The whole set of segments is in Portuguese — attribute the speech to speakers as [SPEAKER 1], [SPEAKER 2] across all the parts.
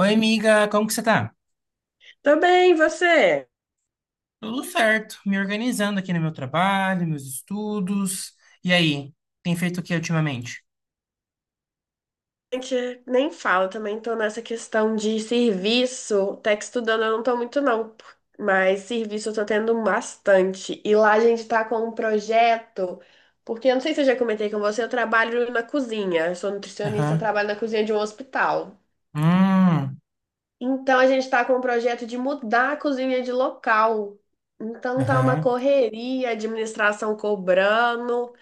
[SPEAKER 1] Oi, amiga, como que você tá?
[SPEAKER 2] Tô bem, e você?
[SPEAKER 1] Tudo certo, me organizando aqui no meu trabalho, meus estudos. E aí, tem feito o que ultimamente?
[SPEAKER 2] A gente nem fala, também tô nessa questão de serviço. Até que estudando eu não tô muito, não. Mas serviço eu tô tendo bastante. E lá a gente tá com um projeto, porque eu não sei se eu já comentei com você, eu trabalho na cozinha. Eu sou nutricionista,
[SPEAKER 1] Aham.
[SPEAKER 2] trabalho na cozinha de um hospital.
[SPEAKER 1] Hum,
[SPEAKER 2] Então a gente tá com um projeto de mudar a cozinha de local. Então tá uma
[SPEAKER 1] aham.
[SPEAKER 2] correria, administração cobrando.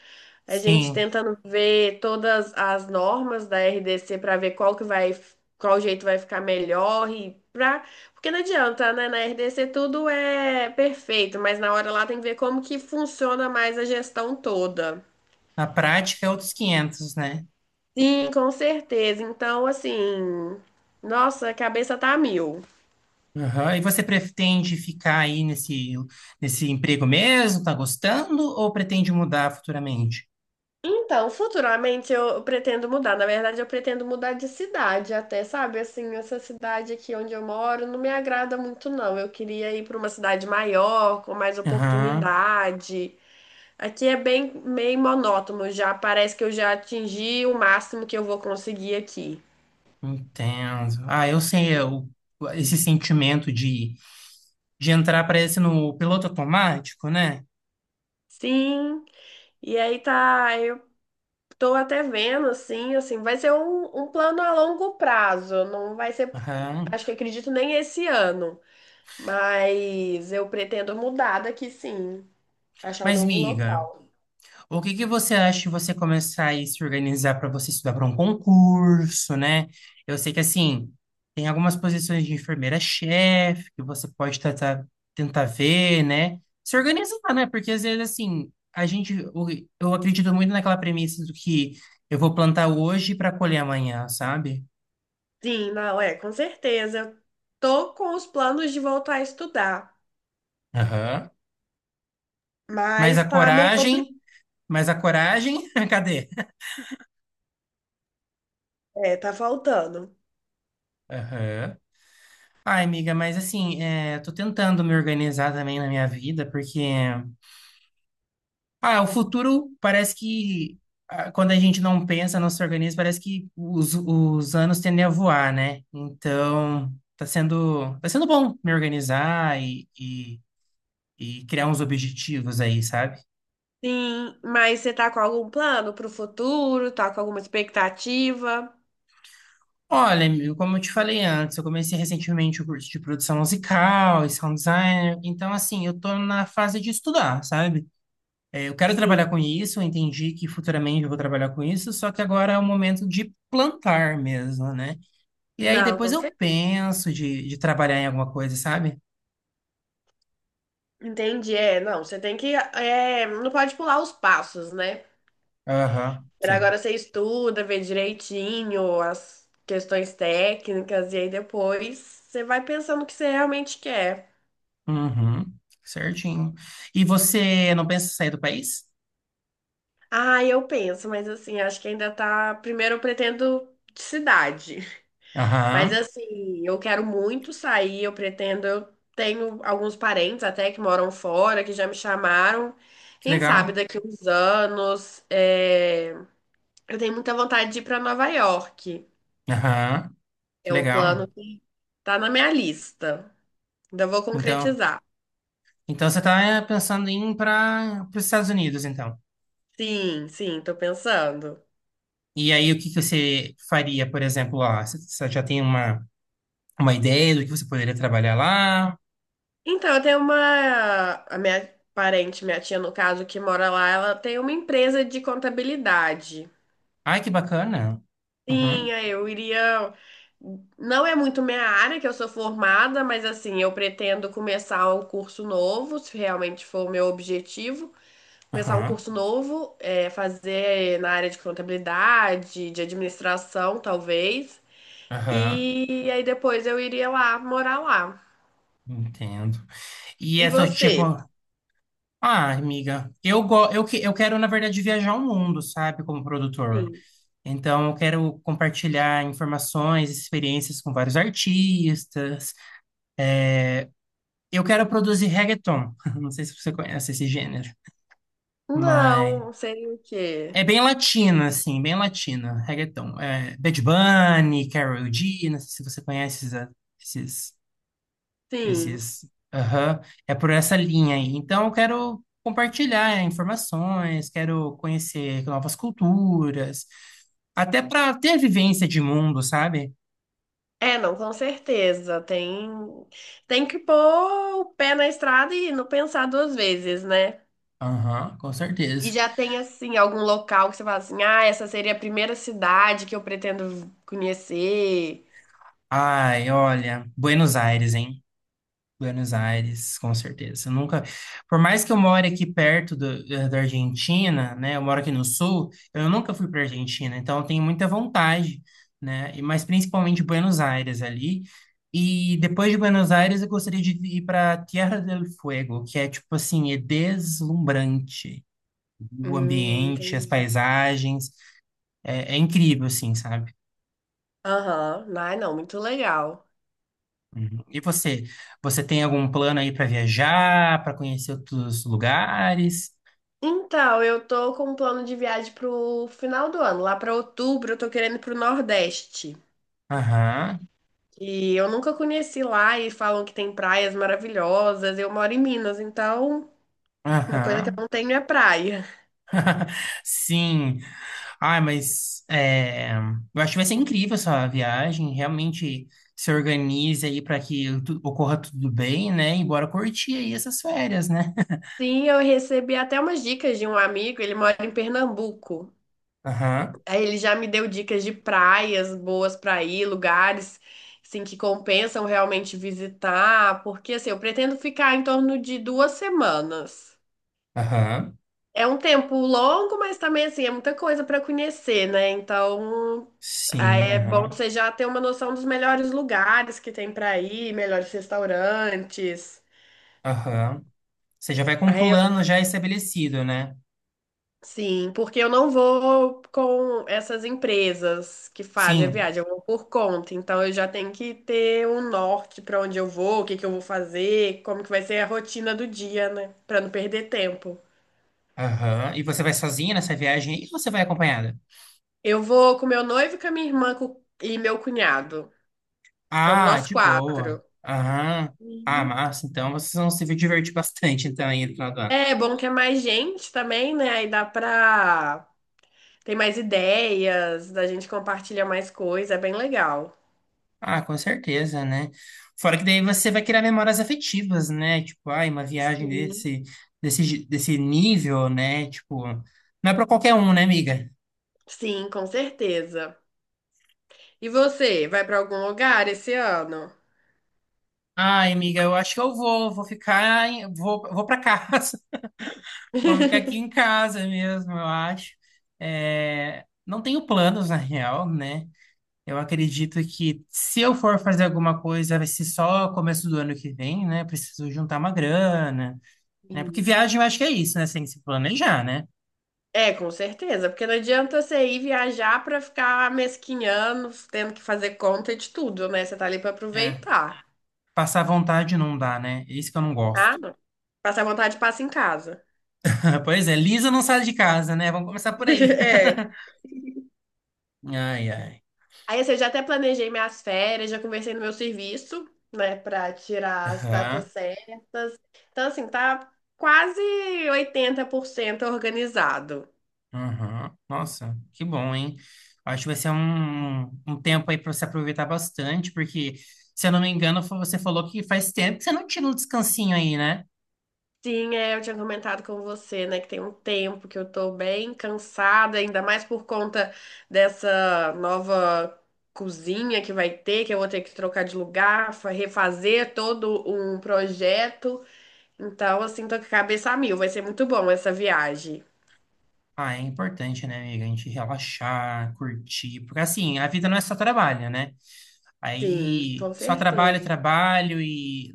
[SPEAKER 2] A gente
[SPEAKER 1] Sim.
[SPEAKER 2] tentando ver todas as normas da RDC para ver qual que vai, qual jeito vai ficar melhor e pra, porque não adianta, né? Na RDC tudo é perfeito, mas na hora lá tem que ver como que funciona mais a gestão toda.
[SPEAKER 1] Na prática é outros 500, né?
[SPEAKER 2] Sim, com certeza. Então, assim, nossa, a cabeça tá a mil.
[SPEAKER 1] Aham. E você pretende ficar aí nesse emprego mesmo? Tá gostando? Ou pretende mudar futuramente?
[SPEAKER 2] Então, futuramente eu pretendo mudar. Na verdade, eu pretendo mudar de cidade até, sabe? Assim, essa cidade aqui onde eu moro não me agrada muito, não. Eu queria ir para uma cidade maior, com mais
[SPEAKER 1] Aham.
[SPEAKER 2] oportunidade. Aqui é bem meio monótono já. Parece que eu já atingi o máximo que eu vou conseguir aqui.
[SPEAKER 1] Entendo. Ah, esse sentimento de entrar, parece, no piloto automático, né?
[SPEAKER 2] Sim. E aí tá, eu tô até vendo, assim, vai ser um plano a longo prazo. Não vai ser,
[SPEAKER 1] Aham.
[SPEAKER 2] acho que acredito nem esse ano. Mas eu pretendo mudar daqui, sim. Achar um
[SPEAKER 1] Mas,
[SPEAKER 2] novo
[SPEAKER 1] miga,
[SPEAKER 2] local.
[SPEAKER 1] o que que você acha de você começar a se organizar para você estudar para um concurso, né? Eu sei que, assim, tem algumas posições de enfermeira-chefe que você pode tentar ver, né? Se organizar, né? Porque, às vezes, assim, eu acredito muito naquela premissa do que eu vou plantar hoje para colher amanhã, sabe?
[SPEAKER 2] Sim, não, é, com certeza. Eu tô com os planos de voltar a estudar,
[SPEAKER 1] Aham. Mas a
[SPEAKER 2] mas tá meio complicado.
[SPEAKER 1] coragem... Mas a coragem... Cadê?
[SPEAKER 2] É, tá faltando.
[SPEAKER 1] Aham. Ai, amiga, mas assim, é, tô tentando me organizar também na minha vida, porque o futuro parece que quando a gente não pensa, não se organiza, parece que os anos tendem a voar, né? Então, tá sendo bom me organizar e criar uns objetivos aí, sabe?
[SPEAKER 2] Sim, mas você tá com algum plano pro futuro? Tá com alguma expectativa?
[SPEAKER 1] Olha, amigo, como eu te falei antes, eu comecei recentemente o curso de produção musical e sound design, então assim, eu tô na fase de estudar, sabe? É, eu quero
[SPEAKER 2] Sim.
[SPEAKER 1] trabalhar com isso, eu entendi que futuramente eu vou trabalhar com isso, só que agora é o momento de plantar mesmo, né? E aí
[SPEAKER 2] Não,
[SPEAKER 1] depois
[SPEAKER 2] com
[SPEAKER 1] eu
[SPEAKER 2] certeza.
[SPEAKER 1] penso de trabalhar em alguma coisa, sabe?
[SPEAKER 2] Entendi, é, não, você tem que, é, não pode pular os passos, né?
[SPEAKER 1] Aham,
[SPEAKER 2] Por
[SPEAKER 1] sim.
[SPEAKER 2] agora você estuda, vê direitinho as questões técnicas e aí depois você vai pensando o que você realmente quer.
[SPEAKER 1] Uhum, certinho. E você não pensa em sair do país?
[SPEAKER 2] Ah, eu penso, mas assim, acho que ainda tá. Primeiro eu pretendo de cidade, mas
[SPEAKER 1] Aham,
[SPEAKER 2] assim, eu quero muito sair, eu pretendo. Eu tenho alguns parentes até que moram fora, que já me chamaram.
[SPEAKER 1] que
[SPEAKER 2] Quem sabe
[SPEAKER 1] legal.
[SPEAKER 2] daqui uns anos, é, eu tenho muita vontade de ir para Nova York.
[SPEAKER 1] Aham, que
[SPEAKER 2] É um
[SPEAKER 1] legal.
[SPEAKER 2] plano que tá na minha lista. Ainda vou
[SPEAKER 1] Então,
[SPEAKER 2] concretizar.
[SPEAKER 1] então você está pensando em ir para os Estados Unidos, então.
[SPEAKER 2] Sim, sim, tô pensando.
[SPEAKER 1] E aí o que que você faria, por exemplo, lá? Você já tem uma ideia do que você poderia trabalhar lá?
[SPEAKER 2] Então, eu tenho uma. A minha parente, minha tia, no caso, que mora lá, ela tem uma empresa de contabilidade.
[SPEAKER 1] Ai, que bacana.
[SPEAKER 2] Sim,
[SPEAKER 1] Uhum,
[SPEAKER 2] aí eu iria. Não é muito minha área que eu sou formada, mas assim, eu pretendo começar um curso novo, se realmente for o meu objetivo. Começar um
[SPEAKER 1] aham,
[SPEAKER 2] curso novo, é, fazer na área de contabilidade, de administração, talvez.
[SPEAKER 1] aham,
[SPEAKER 2] E aí depois eu iria lá, morar lá.
[SPEAKER 1] entendo. E
[SPEAKER 2] E
[SPEAKER 1] essa tia...
[SPEAKER 2] você?
[SPEAKER 1] co- Ah, amiga, eu quero, na verdade, viajar o mundo, sabe, como produtor.
[SPEAKER 2] Sim.
[SPEAKER 1] Então, eu quero compartilhar informações, experiências com vários artistas. Eu quero produzir reggaeton. Não sei se você conhece esse gênero, mas...
[SPEAKER 2] Não, sei o quê.
[SPEAKER 1] É bem latina, assim, bem latina, reggaeton. É, Bad Bunny, Karol G, não sei se você conhece esses
[SPEAKER 2] Sim.
[SPEAKER 1] esses. Aham. É por essa linha aí. Então, eu quero compartilhar é, informações, quero conhecer novas culturas, até para ter vivência de mundo, sabe?
[SPEAKER 2] É, não, com certeza. Tem que pôr o pé na estrada e não pensar duas vezes, né?
[SPEAKER 1] Aham, com
[SPEAKER 2] E
[SPEAKER 1] certeza.
[SPEAKER 2] já tem, assim, algum local que você fala assim, ah, essa seria a primeira cidade que eu pretendo conhecer.
[SPEAKER 1] Ai, olha, Buenos Aires, hein? Buenos Aires, com certeza. Eu nunca, por mais que eu more aqui perto do- eh, da Argentina, né? Eu moro aqui no sul, eu nunca fui para Argentina, então eu tenho muita vontade, né? E mas principalmente Buenos Aires ali. E depois de Buenos Aires, eu gostaria de ir para Tierra del Fuego, que é tipo assim, é deslumbrante. O ambiente, as
[SPEAKER 2] Entendi.
[SPEAKER 1] paisagens, é incrível, assim, sabe?
[SPEAKER 2] Aham. Ai, não, muito legal.
[SPEAKER 1] Uhum. Você tem algum plano aí para viajar, para conhecer outros lugares?
[SPEAKER 2] Então, eu tô com um plano de viagem pro final do ano. Lá pra outubro, eu tô querendo ir pro Nordeste.
[SPEAKER 1] Aham,
[SPEAKER 2] E eu nunca conheci lá e falam que tem praias maravilhosas. Eu moro em Minas, então uma coisa que eu
[SPEAKER 1] aham.
[SPEAKER 2] não tenho é praia.
[SPEAKER 1] Sim. Ai, eu acho que vai ser incrível essa viagem. Realmente se organize aí ocorra tudo bem, né? E bora curtir aí essas férias, né?
[SPEAKER 2] Sim, eu recebi até umas dicas de um amigo, ele mora em Pernambuco.
[SPEAKER 1] Aham,
[SPEAKER 2] Aí ele já me deu dicas de praias boas para ir, lugares assim que compensam realmente visitar, porque assim, eu pretendo ficar em torno de 2 semanas.
[SPEAKER 1] aham.
[SPEAKER 2] É um tempo longo, mas também assim, é muita coisa para conhecer, né? Então,
[SPEAKER 1] Sim,
[SPEAKER 2] aí é bom
[SPEAKER 1] aham,
[SPEAKER 2] você já ter uma noção dos melhores lugares que tem para ir, melhores restaurantes.
[SPEAKER 1] aham. Você já vai com um
[SPEAKER 2] Aí,
[SPEAKER 1] plano já estabelecido, né?
[SPEAKER 2] sim, porque eu não vou com essas empresas que fazem a
[SPEAKER 1] Sim.
[SPEAKER 2] viagem, eu vou por conta. Então, eu já tenho que ter um norte para onde eu vou, o que que eu vou fazer, como que vai ser a rotina do dia, né? Para não perder tempo.
[SPEAKER 1] Aham. E você vai sozinha nessa viagem aí ou você vai acompanhada?
[SPEAKER 2] Eu vou com meu noivo, com a minha irmã e meu cunhado. Vamos
[SPEAKER 1] Ah,
[SPEAKER 2] nós
[SPEAKER 1] de boa.
[SPEAKER 2] quatro.
[SPEAKER 1] Aham. Ah,
[SPEAKER 2] Uhum.
[SPEAKER 1] massa. Então vocês vão se divertir bastante, então, aí no final do ano.
[SPEAKER 2] É bom que é mais gente também, né? Aí dá pra. Tem mais ideias, a gente compartilha mais coisa, é bem legal.
[SPEAKER 1] Ah, com certeza, né? Fora que daí você vai criar memórias afetivas, né? Tipo, ai, uma viagem
[SPEAKER 2] Sim.
[SPEAKER 1] desse nível, né? Tipo, não é pra qualquer um, né, amiga?
[SPEAKER 2] Sim, com certeza. E você, vai pra algum lugar esse ano?
[SPEAKER 1] Ai, amiga, eu acho que vou ficar, vou para casa, vou ficar aqui em casa mesmo, eu acho. É, não tenho planos, na real, né? Eu acredito que se eu for fazer alguma coisa, vai ser só começo do ano que vem, né? Preciso juntar uma grana. Né? Porque
[SPEAKER 2] Sim.
[SPEAKER 1] viagem eu acho que é isso, né? Você tem que se planejar, né?
[SPEAKER 2] É, com certeza, porque não adianta você ir viajar pra ficar mesquinhando, tendo que fazer conta de tudo, né? Você tá ali pra
[SPEAKER 1] É.
[SPEAKER 2] aproveitar.
[SPEAKER 1] Passar vontade não dá, né? É isso que eu não
[SPEAKER 2] Ah,
[SPEAKER 1] gosto.
[SPEAKER 2] não. Passar vontade, passa em casa.
[SPEAKER 1] Pois é, Lisa não sai de casa, né? Vamos começar por aí.
[SPEAKER 2] É.
[SPEAKER 1] Ai, ai.
[SPEAKER 2] Aí, assim, eu já até planejei minhas férias, já conversei no meu serviço, né, pra tirar as datas
[SPEAKER 1] Aham,
[SPEAKER 2] certas. Então, assim, tá quase 80% organizado.
[SPEAKER 1] aham. Nossa, que bom, hein? Acho que vai ser um tempo aí para você aproveitar bastante, porque, se eu não me engano, você falou que faz tempo que você não tira um descansinho aí, né?
[SPEAKER 2] Sim, é, eu tinha comentado com você, né, que tem um tempo que eu tô bem cansada, ainda mais por conta dessa nova cozinha que vai ter, que eu vou ter que trocar de lugar, refazer todo um projeto. Então, assim, tô com a cabeça a mil, vai ser muito bom essa viagem.
[SPEAKER 1] Ah, é importante, né, amiga? A gente relaxar, curtir. Porque, assim, a vida não é só trabalho, né?
[SPEAKER 2] Sim,
[SPEAKER 1] Aí
[SPEAKER 2] com
[SPEAKER 1] só trabalho,
[SPEAKER 2] certeza.
[SPEAKER 1] trabalho e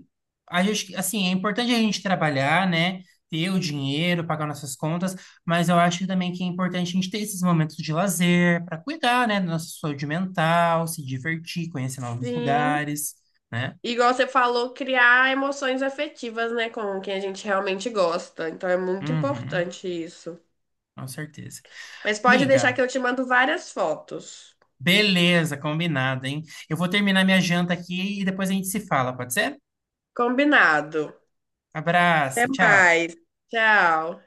[SPEAKER 1] a gente, assim, é importante a gente trabalhar, né? Ter o dinheiro, pagar nossas contas, mas eu acho também que é importante a gente ter esses momentos de lazer para cuidar, né, da nossa saúde mental, se divertir, conhecer novos
[SPEAKER 2] Sim.
[SPEAKER 1] lugares, né?
[SPEAKER 2] Igual você falou, criar emoções afetivas, né, com quem a gente realmente gosta. Então é muito
[SPEAKER 1] Uhum,
[SPEAKER 2] importante isso.
[SPEAKER 1] com certeza.
[SPEAKER 2] Mas pode deixar
[SPEAKER 1] Miga,
[SPEAKER 2] que eu te mando várias fotos.
[SPEAKER 1] beleza, combinado, hein? Eu vou terminar minha janta aqui e depois a gente se fala, pode ser?
[SPEAKER 2] Combinado. Até
[SPEAKER 1] Abraço, tchau.
[SPEAKER 2] mais. Tchau.